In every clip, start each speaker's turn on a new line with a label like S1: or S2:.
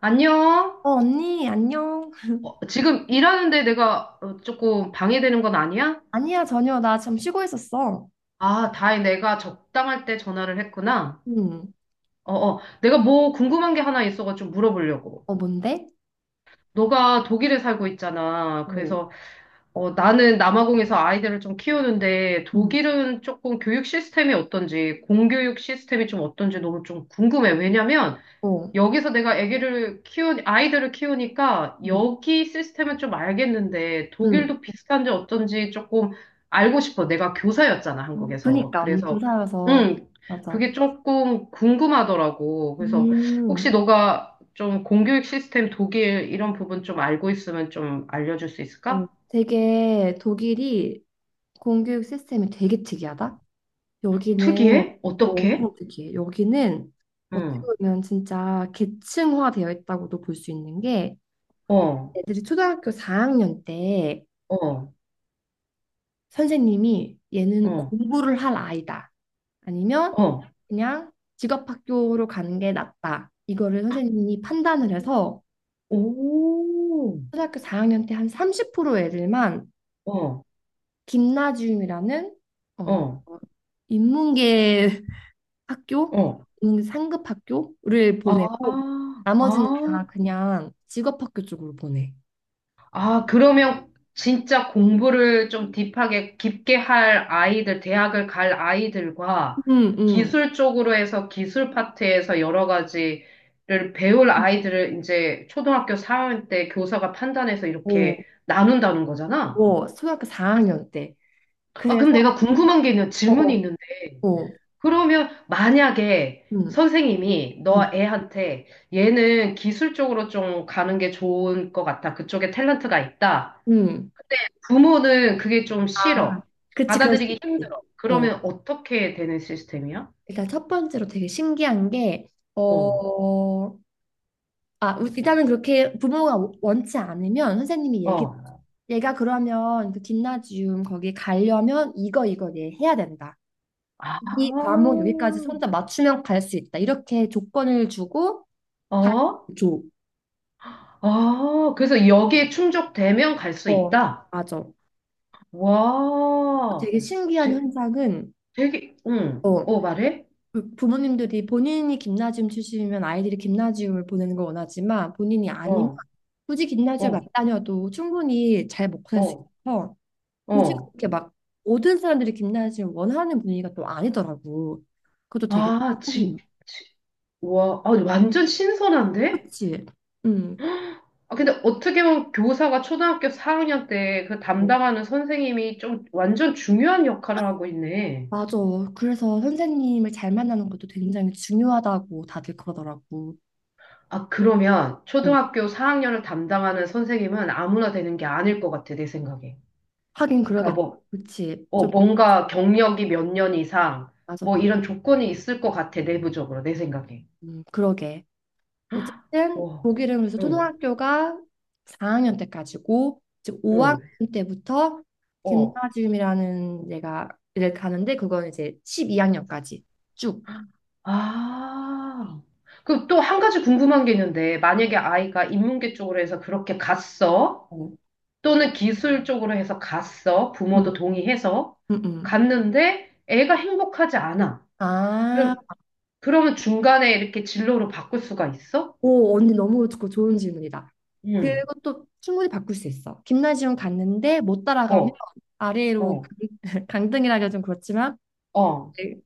S1: 안녕?
S2: 어, 언니, 안녕.
S1: 지금 일하는데 내가 조금 방해되는 건 아니야?
S2: 아니야, 전혀. 나 지금 쉬고 있었어.
S1: 아, 다행 내가 적당할 때 전화를 했구나.
S2: 응.
S1: 어, 어. 내가 뭐 궁금한 게 하나 있어가지고 물어보려고.
S2: 어, 뭔데?
S1: 너가 독일에 살고 있잖아.
S2: 어,
S1: 그래서 나는 남아공에서 아이들을 좀 키우는데
S2: 응,
S1: 독일은 조금 교육 시스템이 어떤지, 공교육 시스템이 좀 어떤지 너무 좀 궁금해. 왜냐면
S2: 어,
S1: 여기서 내가 아이들을 키우니까
S2: 응,
S1: 여기 시스템은 좀 알겠는데
S2: 응.
S1: 독일도 비슷한지 어쩐지 조금 알고 싶어. 내가 교사였잖아,
S2: 어,
S1: 한국에서.
S2: 그러니까, 언니
S1: 그래서,
S2: 교사여서.
S1: 음
S2: 맞아.
S1: 그게 조금 궁금하더라고. 그래서
S2: 음,
S1: 혹시 너가 좀 공교육 시스템 독일 이런 부분 좀 알고 있으면 좀 알려줄 수
S2: 어,
S1: 있을까?
S2: 되게 독일이 공교육 시스템이 되게 특이하다. 여기는.
S1: 특이해? 어떻게?
S2: 엄청 특이해. 여기는 어떻게
S1: 응,
S2: 보면 진짜 계층화되어 있다고도 볼 수 있는 게,
S1: 어,
S2: 애들이 초등학교 4학년 때
S1: 어,
S2: 선생님이 얘는
S1: 어,
S2: 공부를 할 아이다. 아니면
S1: 어,
S2: 그냥 직업학교로 가는 게 낫다. 이거를 선생님이 판단을 해서
S1: 오,
S2: 초등학교 4학년 때 한 30% 애들만
S1: 어,
S2: 김나지움이라는, 어,
S1: 어,
S2: 인문계 학교,
S1: 어.
S2: 인문계 상급 학교를
S1: 아,
S2: 보내고 나머지는
S1: 아,
S2: 다 그냥 직업학교 쪽으로 보내.
S1: 아, 그러면 진짜 공부를 좀 딥하게 깊게 할 아이들, 대학을 갈 아이들과
S2: 응, 응.
S1: 기술 쪽으로 해서 기술 파트에서 여러 가지를 배울 아이들을 이제 초등학교 4학년 때 교사가 판단해서
S2: 오,
S1: 이렇게 나눈다는 거잖아.
S2: 오, 초등학교 4학년 때.
S1: 아,
S2: 그래서,
S1: 그럼 내가 궁금한 게 있는
S2: 어,
S1: 질문이
S2: 어,
S1: 있는데,
S2: 어,
S1: 그러면 만약에
S2: 음,
S1: 선생님이 너
S2: 음,
S1: 애한테 얘는 기술적으로 좀 가는 게 좋은 것 같아. 그쪽에 탤런트가 있다.
S2: 음.
S1: 근데 부모는 그게 좀
S2: 아,
S1: 싫어.
S2: 그치, 그럴 수
S1: 받아들이기
S2: 있지.
S1: 힘들어.
S2: 어,
S1: 그러면 어떻게 되는 시스템이야?
S2: 일단 첫 번째로 되게 신기한 게,
S1: 어,
S2: 어, 아, 일단은 그렇게 부모가 원치 않으면 선생님이 얘기,
S1: 어.
S2: 얘가 그러면 그 gymnasium 거기 가려면 이거, 이거 얘 해야 된다.
S1: 아,
S2: 이 과목 여기까지 혼자 맞추면 갈 수 있다. 이렇게 조건을 주고, 가,
S1: 어?
S2: 줘.
S1: 아, 그래서 여기에 충족되면 갈 수
S2: 어,
S1: 있다.
S2: 맞아.
S1: 와,
S2: 되게 신기한
S1: 되,
S2: 현상은,
S1: 되게, 응,
S2: 어,
S1: 말해?
S2: 부모님들이 본인이 김나지움 출신이면 아이들이 김나지움을 보내는 걸 원하지만, 본인이 아니면
S1: 어,
S2: 굳이 김나지움
S1: 어,
S2: 안 다녀도 충분히 잘 먹고 살 수
S1: 어,
S2: 있어서 굳이
S1: 어.
S2: 그렇게 막 모든 사람들이 김나지움 원하는 분위기가 또 아니더라고. 그것도 되게
S1: 아,
S2: 신기해.
S1: 지, 와, 아, 완전 신선한데?
S2: 그치? 응.
S1: 아, 근데 어떻게 보면 교사가 초등학교 4학년 때 그
S2: 어,
S1: 담당하는 선생님이 좀 완전 중요한 역할을 하고 있네.
S2: 맞아. 그래서 선생님을 잘 만나는 것도 굉장히 중요하다고 다들 그러더라고.
S1: 아, 그러면
S2: 어,
S1: 초등학교 4학년을 담당하는 선생님은 아무나 되는 게 아닐 것 같아, 내 생각에.
S2: 하긴
S1: 그러니까
S2: 그러겠다.
S1: 뭐,
S2: 그치? 좀
S1: 뭔가 경력이 몇 년 이상,
S2: 맞아
S1: 뭐
S2: 맞아.
S1: 이런 조건이 있을 것 같아, 내부적으로, 내 생각에.
S2: 그러게. 어쨌든
S1: 와,
S2: 독일은 그래서
S1: 응,
S2: 초등학교가 4학년 때까지고 즉 5학년
S1: 응,
S2: 때부터
S1: 어.
S2: 김나지움이라는 데가 를 가는데, 그건 이제 12학년까지 쭉.
S1: 아, 그 또 한 가지 궁금한 게 있는데, 만약에 아이가 인문계 쪽으로 해서 그렇게 갔어,
S2: 어.
S1: 또는 기술 쪽으로 해서 갔어,
S2: 음,
S1: 부모도 동의해서
S2: 음, 음.
S1: 갔는데 애가 행복하지 않아.
S2: 아,
S1: 그럼, 그러면 중간에 이렇게 진로로 바꿀 수가 있어?
S2: 오, 언니 너무 좋고 좋은 질문이다.
S1: 응,
S2: 그것도 충분히 바꿀 수 있어. 김나지움 갔는데 못 따라가면
S1: 어,
S2: 아래로
S1: 어,
S2: 강등이라기가 좀 그렇지만
S1: 어,
S2: 이제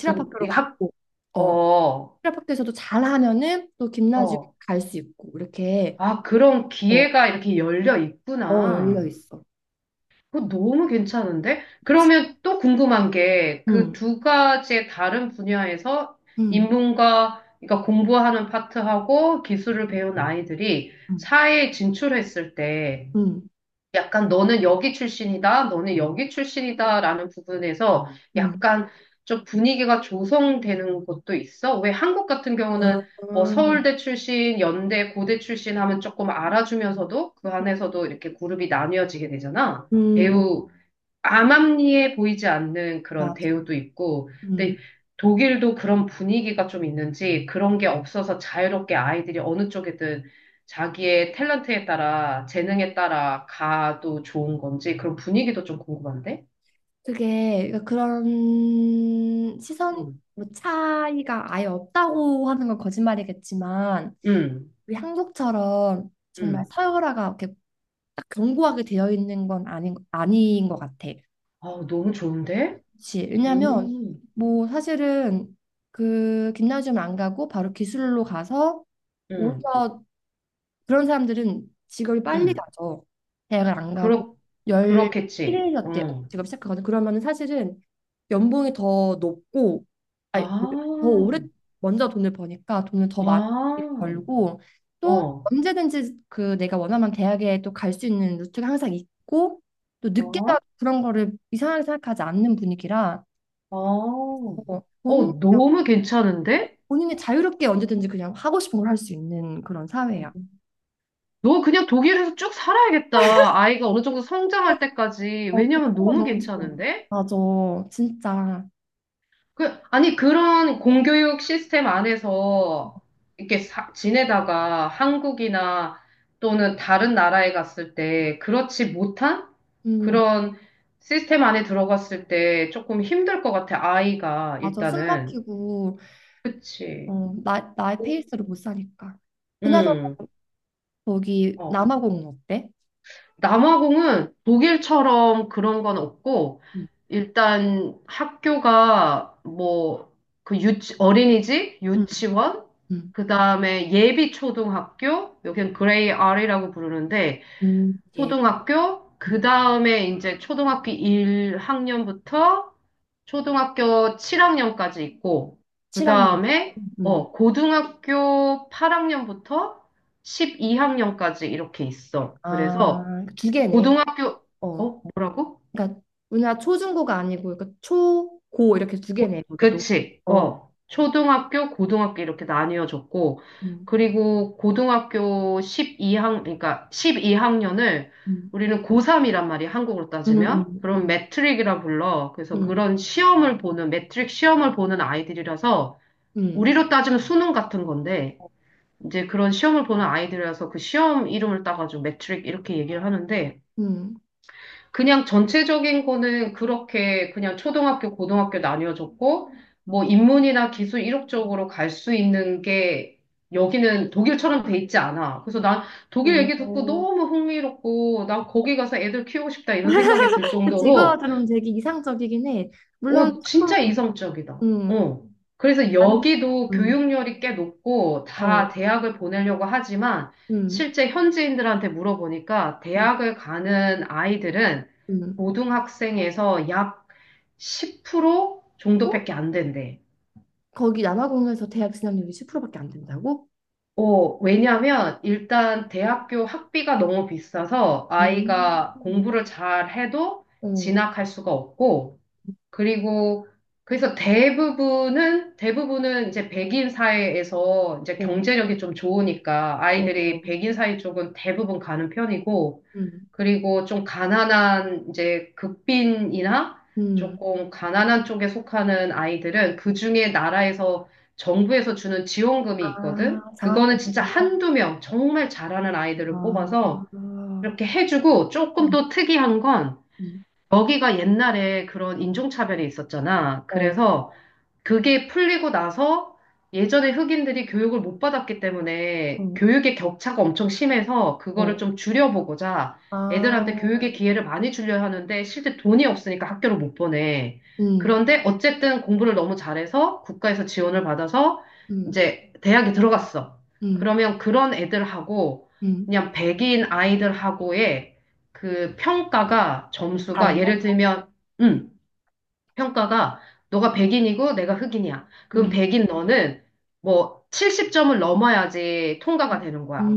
S1: 분, 이 학,
S2: 갔고, 어,
S1: 어,
S2: 테라박크에서도 잘하면은 또 김나지움
S1: 어.
S2: 갈 수 있고 이렇게.
S1: 아, 그런
S2: 어,
S1: 기회가 이렇게 열려
S2: 어 열려
S1: 있구나.
S2: 있어.
S1: 그거 너무 괜찮은데? 그러면 또 궁금한 게 그
S2: 응,
S1: 두 가지의 다른 분야에서
S2: 응
S1: 인문과, 그러니까 공부하는 파트하고 기술을 배운 아이들이
S2: 응,
S1: 사회에 진출했을 때
S2: 응,
S1: 약간 너는 여기 출신이다, 너는 여기 출신이다라는 부분에서
S2: 응,
S1: 약간 좀 분위기가 조성되는 것도 있어? 왜 한국 같은
S2: 아,
S1: 경우는 뭐
S2: 음.
S1: 서울대 출신, 연대, 고대 출신 하면 조금 알아주면서도 그 안에서도 이렇게 그룹이 나뉘어지게 되잖아.
S2: 응,
S1: 배우 암암리에 보이지 않는 그런
S2: 맞아.
S1: 대우도 있고,
S2: 응,
S1: 근데 독일도 그런 분위기가 좀 있는지 그런 게 없어서 자유롭게 아이들이 어느 쪽이든 자기의 탤런트에 따라 재능에 따라 가도 좋은 건지 그런 분위기도 좀 궁금한데?
S2: 그게 그러니까 그런 시선,
S1: 음,
S2: 뭐 차이가 아예 없다고 하는 건 거짓말이겠지만
S1: 음,
S2: 우리 한국처럼 정말
S1: 음.
S2: 서열화가 이렇게 딱 견고하게 되어 있는 건 아닌 것 같아.
S1: 아, 너무 좋은데?
S2: 그치. 왜냐면
S1: 음,
S2: 뭐 사실은 그 김나지움 안 가고 바로 기술로 가서
S1: 음,
S2: 오히려 그런 사람들은 직업이 빨리
S1: 음.
S2: 가죠. 대학을 안 가고
S1: 그렇, 그렇겠지.
S2: 11년 때
S1: 어.
S2: 직업 시작하거든. 그러면은 사실은 연봉이 더 높고,
S1: 아,
S2: 아니 더 오래 먼저 돈을 버니까 돈을 더 많이
S1: 아,
S2: 벌고, 또
S1: 어.
S2: 언제든지 그 내가 원하면 대학에 또 갈 수 있는 루트가 항상 있고, 또 늦게
S1: 어.
S2: 가도 그런 거를 이상하게 생각하지 않는 분위기라.
S1: 어,
S2: 어,
S1: 어, 너무 괜찮은데?
S2: 본인이 자유롭게 언제든지 그냥 하고 싶은 걸 할 수 있는 그런 사회야.
S1: 너 그냥 독일에서 쭉 살아야겠다. 아이가 어느 정도 성장할 때까지.
S2: 어, 그런
S1: 왜냐면
S2: 건
S1: 너무
S2: 너무 좋아.
S1: 괜찮은데?
S2: 맞아, 진짜.
S1: 그, 아니, 그런 공교육 시스템 안에서 이렇게 지내다가 한국이나 또는 다른 나라에 갔을 때 그렇지 못한
S2: 음,
S1: 그런 시스템 안에 들어갔을 때 조금 힘들 것 같아, 아이가
S2: 맞아. 숨
S1: 일단은.
S2: 막히고,
S1: 그치.
S2: 어, 나의 페이스로 못 사니까. 그나저나,
S1: 응.
S2: 거기
S1: 어.
S2: 남아공은 어때?
S1: 남아공은 독일처럼 그런 건 없고,
S2: 음,
S1: 일단 학교가 뭐, 그 어린이집,
S2: 음,
S1: 유치원,
S2: 음,
S1: 그 다음에 예비 초등학교, 여긴 그레이 R이라고 부르는데,
S2: 예,
S1: 초등학교,
S2: 음,
S1: 그 다음에 이제 초등학교 1학년부터 초등학교 7학년까지 있고, 그
S2: 7학년.
S1: 다음에,
S2: 음,
S1: 고등학교 8학년부터 12학년까지 이렇게 있어. 그래서,
S2: 아, 두 개네.
S1: 고등학교,
S2: 어,
S1: 뭐라고?
S2: 그러니까, 우리나라 초중고가 아니고, 그러니까 초, 고 이렇게 두 개네, 거기도.
S1: 그치,
S2: 어,
S1: 어. 초등학교, 고등학교 이렇게 나뉘어졌고,
S2: 음,
S1: 그리고 고등학교 그러니까 12학년을
S2: 음,
S1: 우리는 고3이란 말이 야 한국으로
S2: 음,
S1: 따지면,
S2: 음,
S1: 그런
S2: 음.
S1: 매트릭이라 불러. 그래서
S2: 음.
S1: 그런 시험을 보는, 매트릭 시험을 보는 아이들이라서,
S2: 음,
S1: 우리로 따지면 수능 같은 건데, 이제 그런 시험을 보는 아이들이라서 그 시험 이름을 따가지고 매트릭 이렇게 얘기를 하는데,
S2: 음.
S1: 그냥 전체적인 거는 그렇게 그냥 초등학교, 고등학교 나뉘어졌고, 뭐 인문이나 기술 이력적으로 갈 수 있는 게 여기는 독일처럼 돼 있지 않아. 그래서 난 독일 얘기 듣고
S2: 음,
S1: 너무 흥미롭고, 난 거기 가서 애들 키우고 싶다 이런 생각이 들
S2: 그치, 이거
S1: 정도로
S2: 들으면 되게 이상적이긴 해. 물론
S1: 어, 진짜
S2: 조금,
S1: 이성적이다.
S2: 음,
S1: 어. 그래서
S2: 다른,
S1: 여기도
S2: 음,
S1: 교육열이 꽤 높고
S2: 어,
S1: 다 대학을 보내려고 하지만
S2: 음,
S1: 실제 현지인들한테 물어보니까
S2: 음,
S1: 대학을 가는 아이들은
S2: 음.
S1: 고등학생에서 약 10%
S2: 어?
S1: 정도밖에 안 된대.
S2: 거기 남아공에서 대학 진학률이 10%밖에 안 된다고?
S1: 어, 왜냐면 일단 대학교 학비가 너무 비싸서
S2: 아,
S1: 아이가 공부를 잘 해도
S2: 어,
S1: 진학할 수가 없고 그리고 그래서 대부분은 대부분은 이제 백인 사회에서 이제
S2: 어,
S1: 경제력이 좀 좋으니까
S2: 어,
S1: 아이들이
S2: 어.
S1: 백인 사회 쪽은 대부분 가는 편이고
S2: 음,
S1: 그리고 좀 가난한 이제 극빈이나
S2: 음,
S1: 조금 가난한 쪽에 속하는 아이들은 그중에 나라에서 정부에서 주는 지원금이
S2: 아,
S1: 있거든.
S2: 장학금
S1: 그거는 진짜
S2: 같은 거?
S1: 한두 명 정말 잘하는 아이들을
S2: 아,
S1: 뽑아서 이렇게 해주고 조금
S2: 음,
S1: 또 특이한 건
S2: 음,
S1: 거기가 옛날에 그런 인종차별이 있었잖아.
S2: 어,
S1: 그래서 그게 풀리고 나서 예전에 흑인들이 교육을 못 받았기 때문에
S2: 어,
S1: 교육의 격차가 엄청 심해서 그거를
S2: 어.
S1: 좀 줄여보고자 애들한테
S2: 아,
S1: 교육의 기회를 많이 주려 하는데 실제 돈이 없으니까 학교를 못 보내.
S2: 음,
S1: 그런데 어쨌든 공부를 너무 잘해서 국가에서 지원을 받아서
S2: 음,
S1: 이제 대학에 들어갔어.
S2: 음,
S1: 그러면 그런 애들하고
S2: 음,
S1: 그냥 백인 아이들하고의 그 평가가 점수가 예를
S2: 달러?
S1: 들면 음, 평가가 너가 백인이고 내가 흑인이야. 그럼
S2: 음.
S1: 백인 너는 뭐 70점을 넘어야지
S2: 음.
S1: 통과가 되는 거야.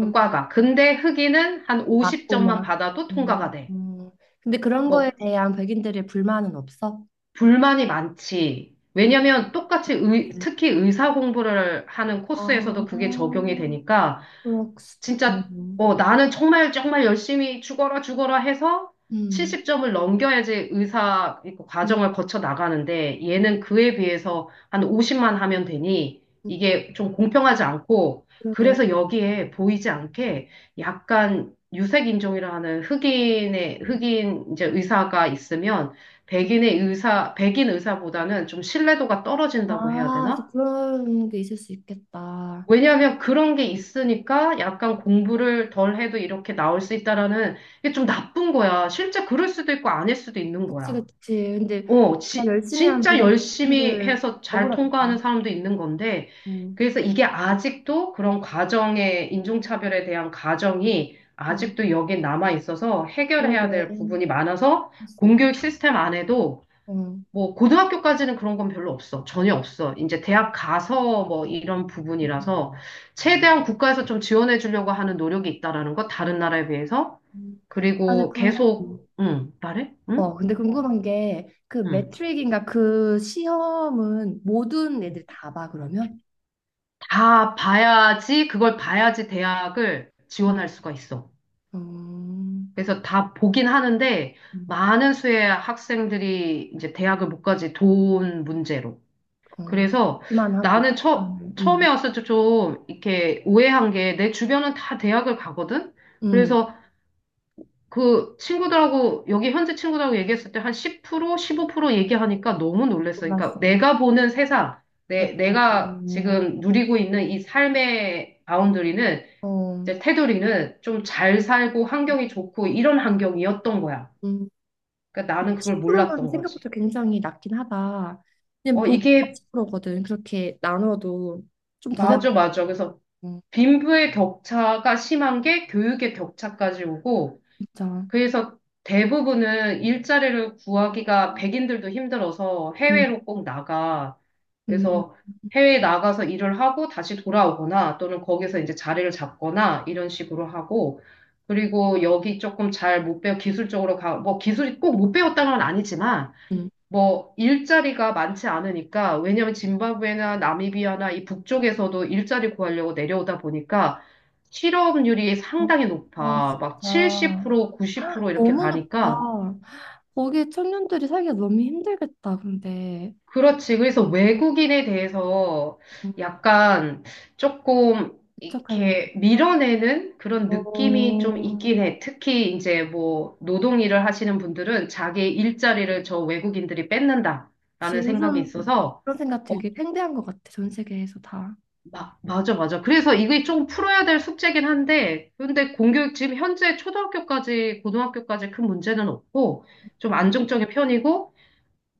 S1: 그 과가. 근데 흑인은 한 50점만
S2: 맞구나.
S1: 받아도 통과가
S2: 음,
S1: 돼.
S2: 음, 근데 그런
S1: 뭐
S2: 거에 대한 백인들의 불만은 없어?
S1: 불만이 많지. 왜냐면 똑같이
S2: 네.
S1: 특히 의사 공부를 하는
S2: 아,
S1: 코스에서도 그게 적용이 되니까
S2: 그렇,
S1: 진짜
S2: 음,
S1: 어, 나는 정말 정말 열심히 죽어라 죽어라 해서
S2: 음,
S1: 70점을 넘겨야지 의사 그
S2: 음,
S1: 과정을 거쳐 나가는데 얘는 그에 비해서 한 50만 하면 되니
S2: 음,
S1: 이게 좀 공평하지 않고
S2: 그러게.
S1: 그래서 여기에 보이지 않게 약간 유색인종이라는 흑인의 흑인 이제 의사가 있으면
S2: 그-
S1: 백인의 의사 백인 의사보다는 좀 신뢰도가 떨어진다고 해야
S2: 아, 또
S1: 되나?
S2: 그런 게 있을 수 있겠다.
S1: 왜냐하면 그런 게 있으니까 약간 공부를 덜 해도 이렇게 나올 수 있다라는 이게 좀 나쁜 거야. 실제 그럴 수도 있고 아닐 수도 있는
S2: 그치,
S1: 거야.
S2: 그치. 근데
S1: 어,
S2: 나 열심히 한
S1: 진짜
S2: 브랜- 들
S1: 열심히
S2: 드
S1: 해서 잘 통과하는
S2: 억울하겠다.
S1: 사람도 있는 건데,
S2: 음,
S1: 그래서 이게 아직도 그런 과정의 인종차별에 대한 가정이
S2: 음,
S1: 아직도 여기 남아 있어서 해결해야
S2: 그러게.
S1: 될 부분이 많아서
S2: 할수 있-
S1: 공교육 시스템 안에도
S2: 음.
S1: 뭐 고등학교까지는 그런 건 별로 없어. 전혀 없어. 이제 대학 가서 뭐 이런
S2: 음,
S1: 부분이라서 최대한 국가에서 좀 지원해 주려고 하는 노력이 있다라는 거 다른 나라에 비해서
S2: 음. 맞아,
S1: 그리고 계속
S2: 음.
S1: 응, 말해? 응?
S2: 어, 근데 궁금한 게 그
S1: 응.
S2: 매트릭인가 그 시험은 모든 애들 다 봐, 그러면?
S1: 다 봐야지 그걸 봐야지 대학을
S2: 음,
S1: 지원할 수가 있어.
S2: 음,
S1: 그래서 다 보긴 하는데
S2: 음,
S1: 많은 수의 학생들이 이제 대학을 못 가지 돈 문제로.
S2: 어,
S1: 그래서
S2: 만 하고.
S1: 나는
S2: 음,
S1: 처음에
S2: 음,
S1: 왔을 때 좀 이렇게 오해한 게 내 주변은 다 대학을 가거든?
S2: 음.
S1: 그래서 그 친구들하고, 여기 현재 친구들하고 얘기했을 때 한 10%, 15% 얘기하니까 너무 놀랬어. 그러니까
S2: 몰랐어.
S1: 내가 보는 세상,
S2: 어,
S1: 내가
S2: 어,
S1: 지금 누리고 있는 이 삶의 바운더리는,
S2: 어,
S1: 이제 테두리는 좀 잘 살고 환경이 좋고 이런 환경이었던 거야.
S2: 음.
S1: 그러니까 나는 그걸
S2: 10%면
S1: 몰랐던 거지.
S2: 생각보다 굉장히 낮긴 하다. 그냥
S1: 어,
S2: 보십
S1: 이게
S2: 40%거든. 그렇게 나눠도 좀 더 됐다.
S1: 맞아, 맞아. 그래서
S2: 어,
S1: 빈부의 격차가 심한 게 교육의 격차까지 오고,
S2: 진짜.
S1: 그래서 대부분은 일자리를 구하기가 백인들도 힘들어서
S2: 음,
S1: 해외로 꼭 나가.
S2: 음,
S1: 그래서 해외에 나가서 일을 하고 다시 돌아오거나 또는 거기서 이제 자리를 잡거나 이런 식으로 하고, 그리고 여기 조금 잘 못 배워 기술적으로 가, 뭐 기술이 꼭 못 배웠다는 건 아니지만,
S2: 음.
S1: 뭐 일자리가 많지 않으니까 왜냐면 짐바브웨나 나미비아나 이 북쪽에서도 일자리 구하려고 내려오다 보니까 실업률이 상당히
S2: 아,
S1: 높아. 막
S2: 진짜.
S1: 70%, 90% 이렇게
S2: 너무 높다.
S1: 가니까
S2: 거기 에 청년들이 살기가 너무 힘들겠다. 근데
S1: 그렇지. 그래서 외국인에 대해서
S2: 부
S1: 약간 조금
S2: 개척하는 게
S1: 이렇게
S2: 있어.
S1: 밀어내는 그런 느낌이 좀
S2: 어,
S1: 있긴 해. 특히 이제 뭐 노동 일을 하시는 분들은 자기 일자리를 저 외국인들이 뺏는다라는
S2: 지금
S1: 생각이
S2: 요즘
S1: 있어서
S2: 그런 생각
S1: 어,
S2: 되게 팽배한 것 같아. 전 세계에서 다.
S1: 맞아, 맞아. 그래서 이게 좀 풀어야 될 숙제긴 한데, 근데 공교육 지금 현재 초등학교까지, 고등학교까지 큰 문제는 없고, 좀
S2: 음,
S1: 안정적인 편이고,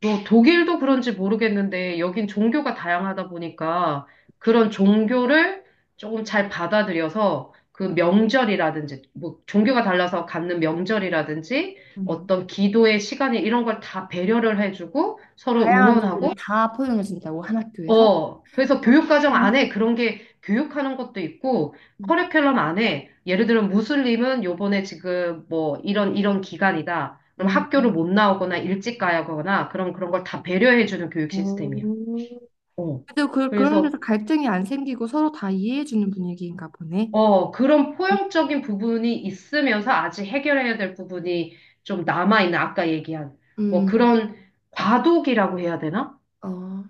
S1: 뭐 독일도 그런지 모르겠는데, 여긴 종교가 다양하다 보니까, 그런 종교를 조금 잘 받아들여서, 그 명절이라든지, 뭐 종교가 달라서 갖는 명절이라든지,
S2: 음.
S1: 어떤 기도의 시간이 이런 걸 다 배려를 해주고, 서로
S2: 다양한
S1: 응원하고,
S2: 종류를 다 포용해준다고 한 학교에서.
S1: 어, 그래서
S2: 그거 되게.
S1: 교육과정 안에 그런 게 교육하는 것도 있고,
S2: 음.
S1: 커리큘럼 안에, 예를 들면 무슬림은 요번에 지금 뭐 이런, 이런 기간이다. 그럼
S2: 음.
S1: 학교를 못 나오거나 일찍 가야 하거나, 그런, 그런 걸 다 배려해주는 교육 시스템이야.
S2: 어,
S1: 어.
S2: 근데 그런
S1: 그래서,
S2: 데서 갈등이 안 생기고 서로 다 이해해주는 분위기인가 보네.
S1: 어, 그런 포용적인 부분이 있으면서 아직 해결해야 될 부분이 좀 남아있는, 아까 얘기한, 뭐
S2: 음,
S1: 그런 과도기라고 해야 되나?
S2: 어,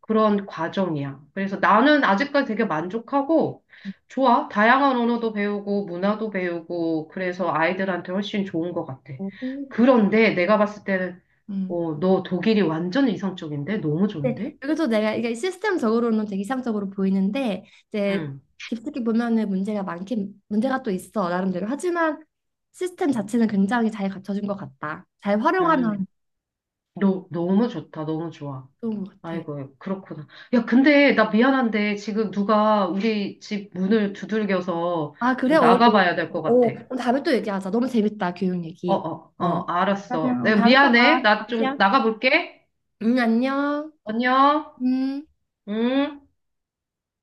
S1: 그런 과정이야. 그래서 나는 아직까지 되게 만족하고 좋아. 다양한 언어도 배우고 문화도 배우고 그래서 아이들한테 훨씬 좋은 것 같아.
S2: 어,
S1: 그런데 내가 봤을 때는 어, 너 독일이 완전 이상적인데? 너무
S2: 네,
S1: 좋은데?
S2: 여기서 내가 이게 시스템적으로는 되게 이상적으로 보이는데 이제
S1: 응,
S2: 깊숙이 보면은 문제가 많긴 문제가 또 있어 나름대로 하지만 시스템 자체는 굉장히 잘 갖춰진 것 같다. 잘
S1: 응.
S2: 활용하면
S1: 너, 너무 좋다. 너무 좋아.
S2: 좋은 것 같아.
S1: 아이고, 그렇구나. 야, 근데 나 미안한데 지금 누가 우리 집 문을 두들겨서
S2: 아 그래?
S1: 좀
S2: 어, 어,
S1: 나가봐야 될 것 같아.
S2: 어, 그럼 다음에 또 얘기하자. 너무 재밌다 교육
S1: 어,
S2: 얘기.
S1: 어, 어,
S2: 어.
S1: 알았어.
S2: 그러면
S1: 내가
S2: 다음에 또
S1: 미안해.
S2: 봐.
S1: 나 좀
S2: 다시야.
S1: 나가볼게.
S2: 응, 안녕.
S1: 안녕.
S2: 음.
S1: 응?